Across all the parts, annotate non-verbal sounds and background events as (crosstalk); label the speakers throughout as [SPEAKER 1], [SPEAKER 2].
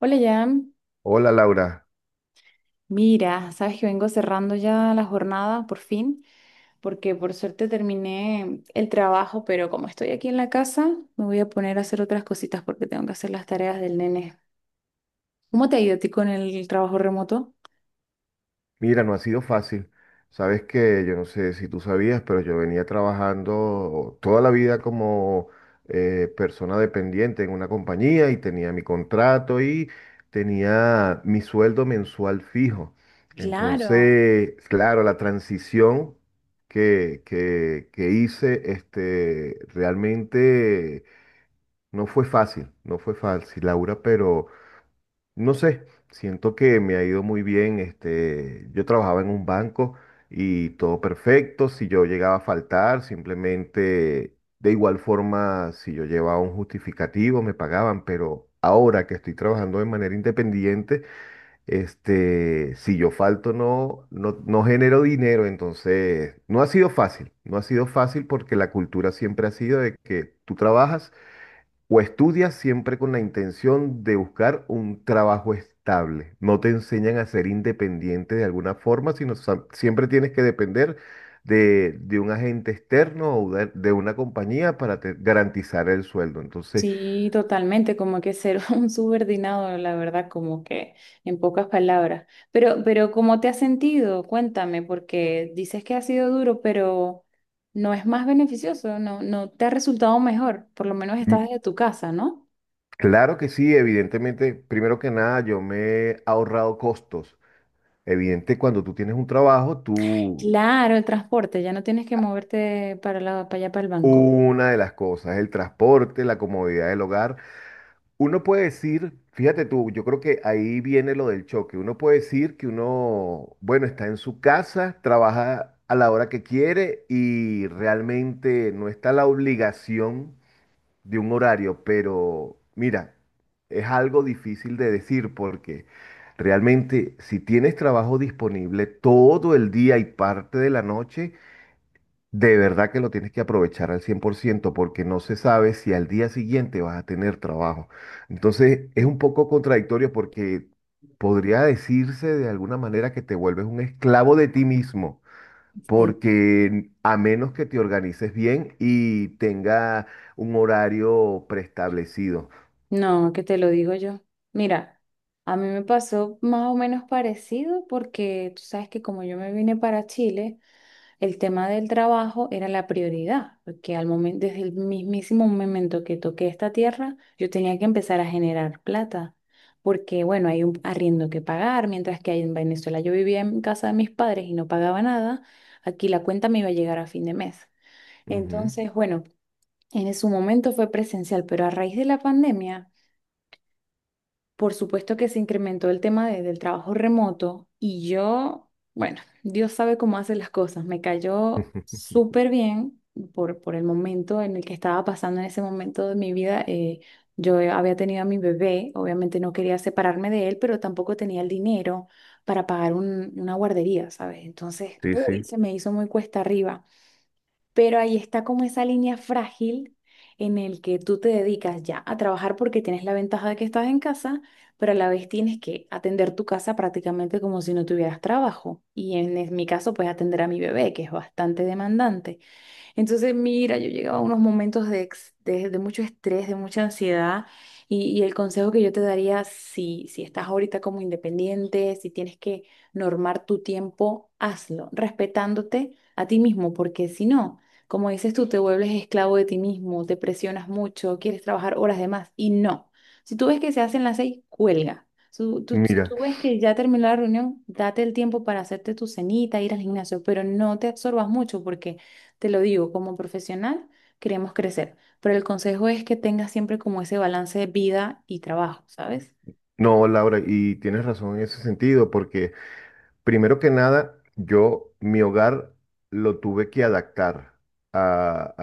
[SPEAKER 1] Hola, Jan.
[SPEAKER 2] Hola Laura,
[SPEAKER 1] Mira, sabes que vengo cerrando ya la jornada por fin, porque por suerte terminé el trabajo, pero como estoy aquí en la casa, me voy a poner a hacer otras cositas porque tengo que hacer las tareas del nene. ¿Cómo te ha ido a ti con el trabajo remoto?
[SPEAKER 2] mira, no ha sido fácil. Sabes que yo no sé si tú sabías, pero yo venía trabajando toda la vida como persona dependiente en una compañía y tenía mi contrato y tenía mi sueldo mensual fijo.
[SPEAKER 1] Claro.
[SPEAKER 2] Entonces, claro, la transición que hice realmente no fue fácil, no fue fácil, Laura, pero no sé, siento que me ha ido muy bien. Yo trabajaba en un banco y todo perfecto. Si yo llegaba a faltar, simplemente de igual forma, si yo llevaba un justificativo, me pagaban. Pero ahora que estoy trabajando de manera independiente, si yo falto, no genero dinero. Entonces, no ha sido fácil. No ha sido fácil porque la cultura siempre ha sido de que tú trabajas o estudias siempre con la intención de buscar un trabajo estable. No te enseñan a ser independiente de alguna forma, sino siempre tienes que depender de un agente externo o de una compañía para garantizar el sueldo. Entonces,
[SPEAKER 1] Sí, totalmente, como que ser (laughs) un subordinado, la verdad, como que en pocas palabras. Pero ¿cómo te has sentido? Cuéntame, porque dices que ha sido duro, pero no es más beneficioso, no, no te ha resultado mejor, por lo menos estás desde
[SPEAKER 2] mm,
[SPEAKER 1] tu casa, ¿no?
[SPEAKER 2] claro que sí, evidentemente, primero que nada, yo me he ahorrado costos. Evidente, cuando tú tienes un trabajo, tú,
[SPEAKER 1] Claro, el transporte, ya no tienes que moverte para allá, para el banco.
[SPEAKER 2] una de las cosas, el transporte, la comodidad del hogar. Uno puede decir, fíjate tú, yo creo que ahí viene lo del choque. Uno puede decir que uno, bueno, está en su casa, trabaja a la hora que quiere y realmente no está la obligación de un horario, pero mira, es algo difícil de decir porque realmente si tienes trabajo disponible todo el día y parte de la noche, de verdad que lo tienes que aprovechar al 100% porque no se sabe si al día siguiente vas a tener trabajo. Entonces es
[SPEAKER 1] Mm.
[SPEAKER 2] un poco contradictorio porque podría decirse de alguna manera que te vuelves un esclavo de ti mismo,
[SPEAKER 1] Sí,
[SPEAKER 2] porque a menos que te organices bien y tenga un horario preestablecido.
[SPEAKER 1] no, que te lo digo yo. Mira, a mí me pasó más o menos parecido porque tú sabes que como yo me vine para Chile, el tema del trabajo era la prioridad, porque al momento, desde el mismísimo momento que toqué esta tierra, yo tenía que empezar a generar plata, porque bueno, hay un arriendo que pagar, mientras que ahí en Venezuela yo vivía en casa de mis padres y no pagaba nada, aquí la cuenta me iba a llegar a fin de mes.
[SPEAKER 2] Ujú.
[SPEAKER 1] Entonces, bueno, en su momento fue presencial, pero a raíz de la pandemia por supuesto que se incrementó el tema del trabajo remoto y yo, bueno, Dios sabe cómo hace las cosas. Me cayó
[SPEAKER 2] (laughs)
[SPEAKER 1] súper bien por el momento en el que estaba pasando en ese momento de mi vida. Yo había tenido a mi bebé, obviamente no quería separarme de él, pero tampoco tenía el dinero para pagar una guardería, ¿sabes? Entonces,
[SPEAKER 2] Sí,
[SPEAKER 1] uy,
[SPEAKER 2] sí.
[SPEAKER 1] se me hizo muy cuesta arriba. Pero ahí está como esa línea frágil en el que tú te dedicas ya a trabajar porque tienes la ventaja de que estás en casa, pero a la vez tienes que atender tu casa prácticamente como si no tuvieras trabajo. Y mi caso, pues atender a mi bebé, que es bastante demandante. Entonces, mira, yo llegaba a unos momentos de mucho estrés, de mucha ansiedad, y el consejo que yo te daría, si estás ahorita como independiente, si tienes que normar tu tiempo, hazlo, respetándote a ti mismo, porque si no, como dices tú, te vuelves esclavo de ti mismo, te presionas mucho, quieres trabajar horas de más, y no. Si tú ves que se hacen las seis, cuelga. Si si
[SPEAKER 2] Mira,
[SPEAKER 1] tú ves que ya terminó la reunión, date el tiempo para hacerte tu cenita, ir al gimnasio, pero no te absorbas mucho porque te lo digo, como profesional queremos crecer, pero el consejo es que tengas siempre como ese balance de vida y trabajo, ¿sabes?
[SPEAKER 2] no, Laura, y tienes razón en ese sentido, porque primero que nada, yo mi hogar lo tuve que adaptar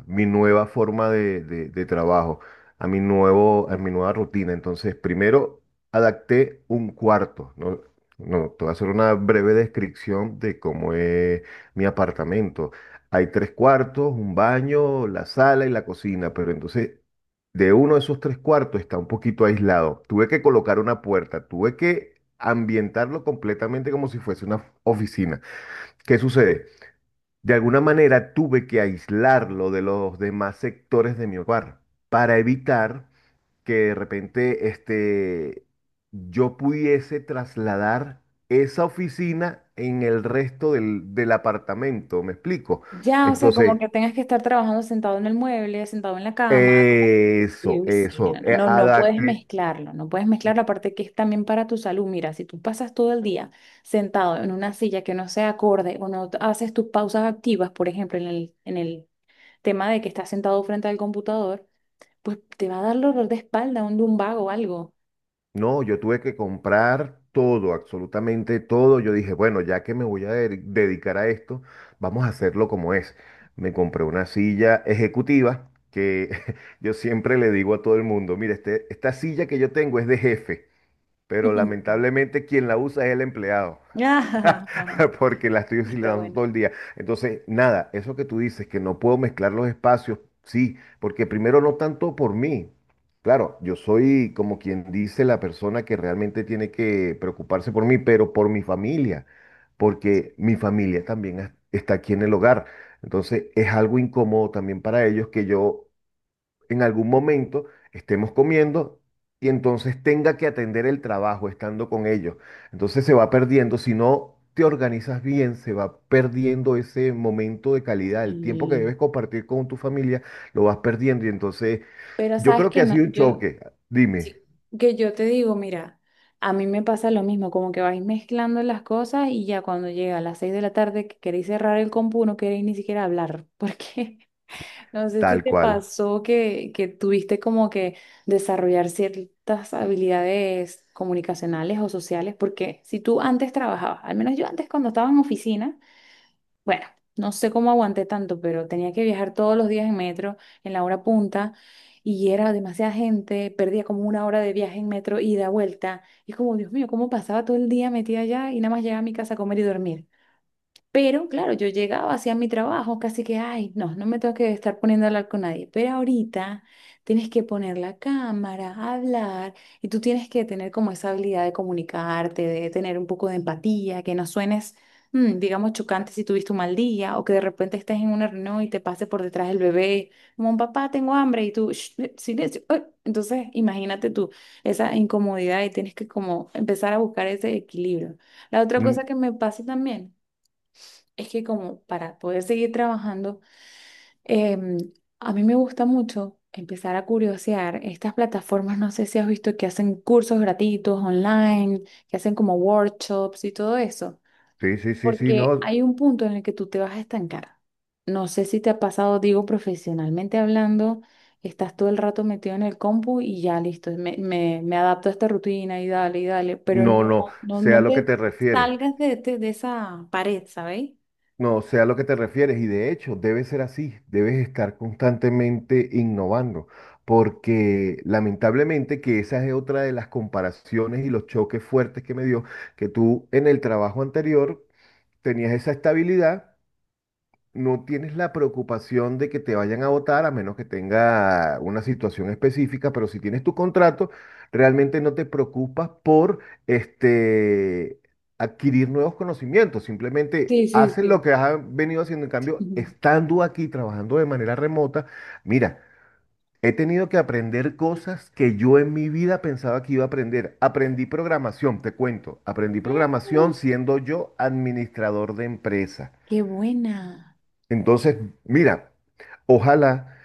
[SPEAKER 2] a mi nueva forma de trabajo, a mi nueva rutina. Entonces, primero adapté un cuarto, ¿no? No, te voy a hacer una breve descripción de cómo es mi apartamento. Hay tres cuartos, un baño, la sala y la cocina, pero entonces de uno de esos tres cuartos está un poquito aislado. Tuve que colocar una puerta, tuve que ambientarlo completamente como si fuese una oficina. ¿Qué sucede? De alguna manera tuve que aislarlo de los demás sectores de mi hogar para evitar que de repente yo pudiese trasladar esa oficina en el resto del apartamento. ¿Me explico?
[SPEAKER 1] Ya, o sea, como
[SPEAKER 2] Entonces,
[SPEAKER 1] que tengas que estar trabajando sentado en el mueble, sentado en la cama, como... Y,
[SPEAKER 2] eso,
[SPEAKER 1] uy, sí,
[SPEAKER 2] eso.
[SPEAKER 1] no, no, no, no puedes
[SPEAKER 2] Adapté.
[SPEAKER 1] mezclarlo, no puedes mezclar la parte que es también para tu salud. Mira, si tú pasas todo el día sentado en una silla que no sea acorde o no haces tus pausas activas, por ejemplo, en el tema de que estás sentado frente al computador, pues te va a dar dolor de espalda, un lumbago o algo.
[SPEAKER 2] No, yo tuve que comprar todo, absolutamente todo. Yo dije, bueno, ya que me voy a dedicar a esto, vamos a hacerlo como es. Me compré una silla ejecutiva que (laughs) yo siempre le digo a todo el mundo, mire, esta silla que yo tengo es de jefe, pero
[SPEAKER 1] (laughs)
[SPEAKER 2] lamentablemente quien la usa es el empleado. (laughs) Porque la
[SPEAKER 1] (laughs)
[SPEAKER 2] estoy
[SPEAKER 1] Está
[SPEAKER 2] oscilando
[SPEAKER 1] bueno.
[SPEAKER 2] todo el día. Entonces, nada, eso que tú dices, que no puedo mezclar los espacios, sí, porque primero no tanto por mí. Claro, yo soy como quien dice la persona que realmente tiene que preocuparse por mí, pero por mi familia, porque mi familia también está aquí en el hogar. Entonces, es algo incómodo también para ellos que yo en algún momento estemos comiendo y entonces tenga que atender el trabajo estando con ellos. Entonces se va perdiendo, si no te organizas bien, se va perdiendo ese momento de calidad, el tiempo que
[SPEAKER 1] Y,
[SPEAKER 2] debes compartir con tu familia, lo vas perdiendo y entonces
[SPEAKER 1] pero
[SPEAKER 2] yo
[SPEAKER 1] sabes
[SPEAKER 2] creo que
[SPEAKER 1] que
[SPEAKER 2] ha
[SPEAKER 1] no,
[SPEAKER 2] sido un
[SPEAKER 1] yo,
[SPEAKER 2] choque, dime,
[SPEAKER 1] sí, que yo te digo, mira, a mí me pasa lo mismo, como que vais mezclando las cosas y ya cuando llega a las seis de la tarde que queréis cerrar el compu, no queréis ni siquiera hablar, porque (laughs) no sé si
[SPEAKER 2] tal
[SPEAKER 1] te
[SPEAKER 2] cual.
[SPEAKER 1] pasó que tuviste como que desarrollar ciertas habilidades comunicacionales o sociales, porque si tú antes trabajabas, al menos yo antes cuando estaba en oficina, bueno, no sé cómo aguanté tanto, pero tenía que viajar todos los días en metro, en la hora punta, y era demasiada gente, perdía como una hora de viaje en metro ida, vuelta. Y es como, Dios mío, ¿cómo pasaba todo el día metida allá y nada más llegaba a mi casa a comer y dormir? Pero claro, yo llegaba hacia mi trabajo, casi que, ay, no, no me tengo que estar poniendo a hablar con nadie. Pero ahorita tienes que poner la cámara, hablar, y tú tienes que tener como esa habilidad de comunicarte, de tener un poco de empatía, que no suenes, digamos, chocante si tuviste un mal día, o que de repente estés en una reunión y te pase por detrás el bebé, como papá, tengo hambre, y tú, "Shh, silencio. Ay". Entonces, imagínate tú esa incomodidad y tienes que como empezar a buscar ese equilibrio. La otra
[SPEAKER 2] Mm,
[SPEAKER 1] cosa que me pasa también. Es que como para poder seguir trabajando, em, a mí me gusta mucho empezar a curiosear estas plataformas, no sé si has visto que hacen cursos gratuitos online, que hacen como workshops y todo eso,
[SPEAKER 2] sí, sí, sí, sí,
[SPEAKER 1] porque
[SPEAKER 2] no,
[SPEAKER 1] hay un punto en el que tú te vas a estancar. No sé si te ha pasado, digo, profesionalmente hablando, estás todo el rato metido en el compu y ya listo, me adapto a esta rutina y dale, pero
[SPEAKER 2] no,
[SPEAKER 1] no,
[SPEAKER 2] no,
[SPEAKER 1] no,
[SPEAKER 2] sea a
[SPEAKER 1] no
[SPEAKER 2] lo que
[SPEAKER 1] te
[SPEAKER 2] te refieres.
[SPEAKER 1] salgas de, de esa pared, ¿sabes?
[SPEAKER 2] No, sé a lo que te refieres y de hecho debe ser así, debes estar constantemente innovando, porque lamentablemente que esa es otra de las comparaciones y los choques fuertes que me dio, que tú en el trabajo anterior tenías esa estabilidad, no tienes la preocupación de que te vayan a votar a menos que tenga una situación específica, pero si tienes tu contrato, realmente no te preocupas por este, adquirir nuevos conocimientos, simplemente
[SPEAKER 1] Sí, sí,
[SPEAKER 2] haces lo
[SPEAKER 1] sí.
[SPEAKER 2] que has venido haciendo. En cambio,
[SPEAKER 1] Ujú.
[SPEAKER 2] estando aquí trabajando de manera remota, mira, he tenido que aprender cosas que yo en mi vida pensaba que iba a aprender. Aprendí programación, te cuento. Aprendí
[SPEAKER 1] Mm,
[SPEAKER 2] programación siendo yo administrador de empresa.
[SPEAKER 1] qué buena.
[SPEAKER 2] Entonces, mira, ojalá,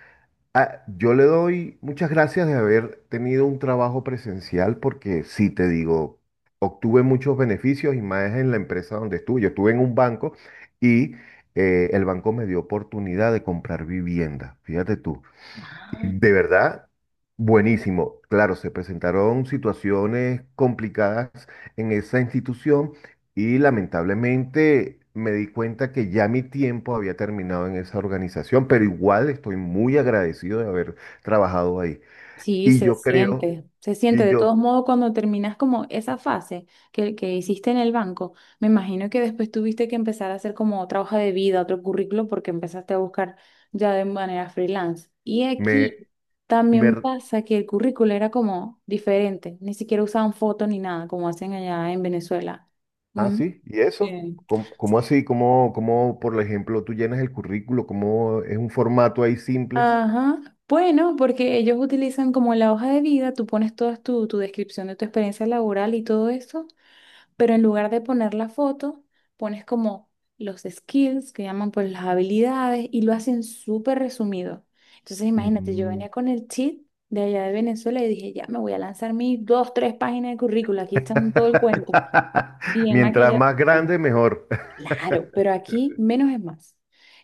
[SPEAKER 2] ah, yo le doy muchas gracias de haber tenido un trabajo presencial porque sí te digo, obtuve muchos beneficios y más en la empresa donde estuve. Yo estuve en un banco y el banco me dio oportunidad de comprar vivienda, fíjate tú.
[SPEAKER 1] Ah,
[SPEAKER 2] De verdad, buenísimo. Claro, se presentaron situaciones complicadas en esa institución y lamentablemente me di cuenta que ya mi tiempo había terminado en esa organización, pero igual estoy muy agradecido de haber trabajado ahí.
[SPEAKER 1] sí,
[SPEAKER 2] Y
[SPEAKER 1] se
[SPEAKER 2] yo creo,
[SPEAKER 1] siente, se siente.
[SPEAKER 2] y
[SPEAKER 1] De todos
[SPEAKER 2] yo
[SPEAKER 1] modos, cuando terminas como esa fase que hiciste en el banco, me imagino que después tuviste que empezar a hacer como otra hoja de vida, otro currículo, porque empezaste a buscar ya de manera freelance. Y
[SPEAKER 2] me,
[SPEAKER 1] aquí
[SPEAKER 2] me,
[SPEAKER 1] también
[SPEAKER 2] r-
[SPEAKER 1] pasa que el currículo era como diferente, ni siquiera usaban foto ni nada, como hacen allá en Venezuela.
[SPEAKER 2] ah,
[SPEAKER 1] Ujú.
[SPEAKER 2] sí, ¿y eso?
[SPEAKER 1] Bien.
[SPEAKER 2] ¿Cómo, cómo así? ¿Cómo, cómo, por ejemplo, tú llenas el currículo? ¿Cómo es un formato ahí simple?
[SPEAKER 1] Ajá. Bueno, porque ellos utilizan como la hoja de vida, tú pones toda tu descripción de tu experiencia laboral y todo eso, pero en lugar de poner la foto, pones como los skills que llaman pues las habilidades y lo hacen súper resumido. Entonces imagínate, yo
[SPEAKER 2] Mm.
[SPEAKER 1] venía con el cheat de allá de Venezuela y dije, ya me voy a lanzar mis dos, tres páginas de currícula, aquí están todo el cuento,
[SPEAKER 2] (laughs)
[SPEAKER 1] bien
[SPEAKER 2] Mientras
[SPEAKER 1] maquillado.
[SPEAKER 2] más grande, mejor. (laughs)
[SPEAKER 1] Claro, pero aquí menos es más.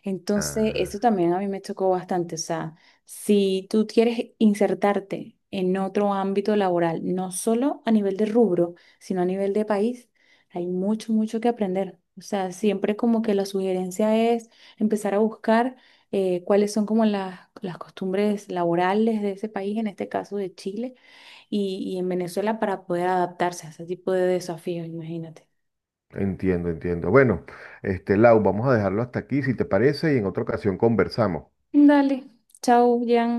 [SPEAKER 1] Entonces, eso
[SPEAKER 2] Ah,
[SPEAKER 1] también a mí me chocó bastante. O sea, si tú quieres insertarte en otro ámbito laboral, no solo a nivel de rubro, sino a nivel de país, hay mucho, mucho que aprender. O sea, siempre como que la sugerencia es empezar a buscar cuáles son como las costumbres laborales de ese país, en este caso de Chile y en Venezuela, para poder adaptarse a ese tipo de desafíos, imagínate.
[SPEAKER 2] entiendo, entiendo. Bueno, Lau, vamos a dejarlo hasta aquí, si te parece, y en otra ocasión conversamos.
[SPEAKER 1] Dale, chao, Jan.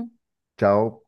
[SPEAKER 2] Chao.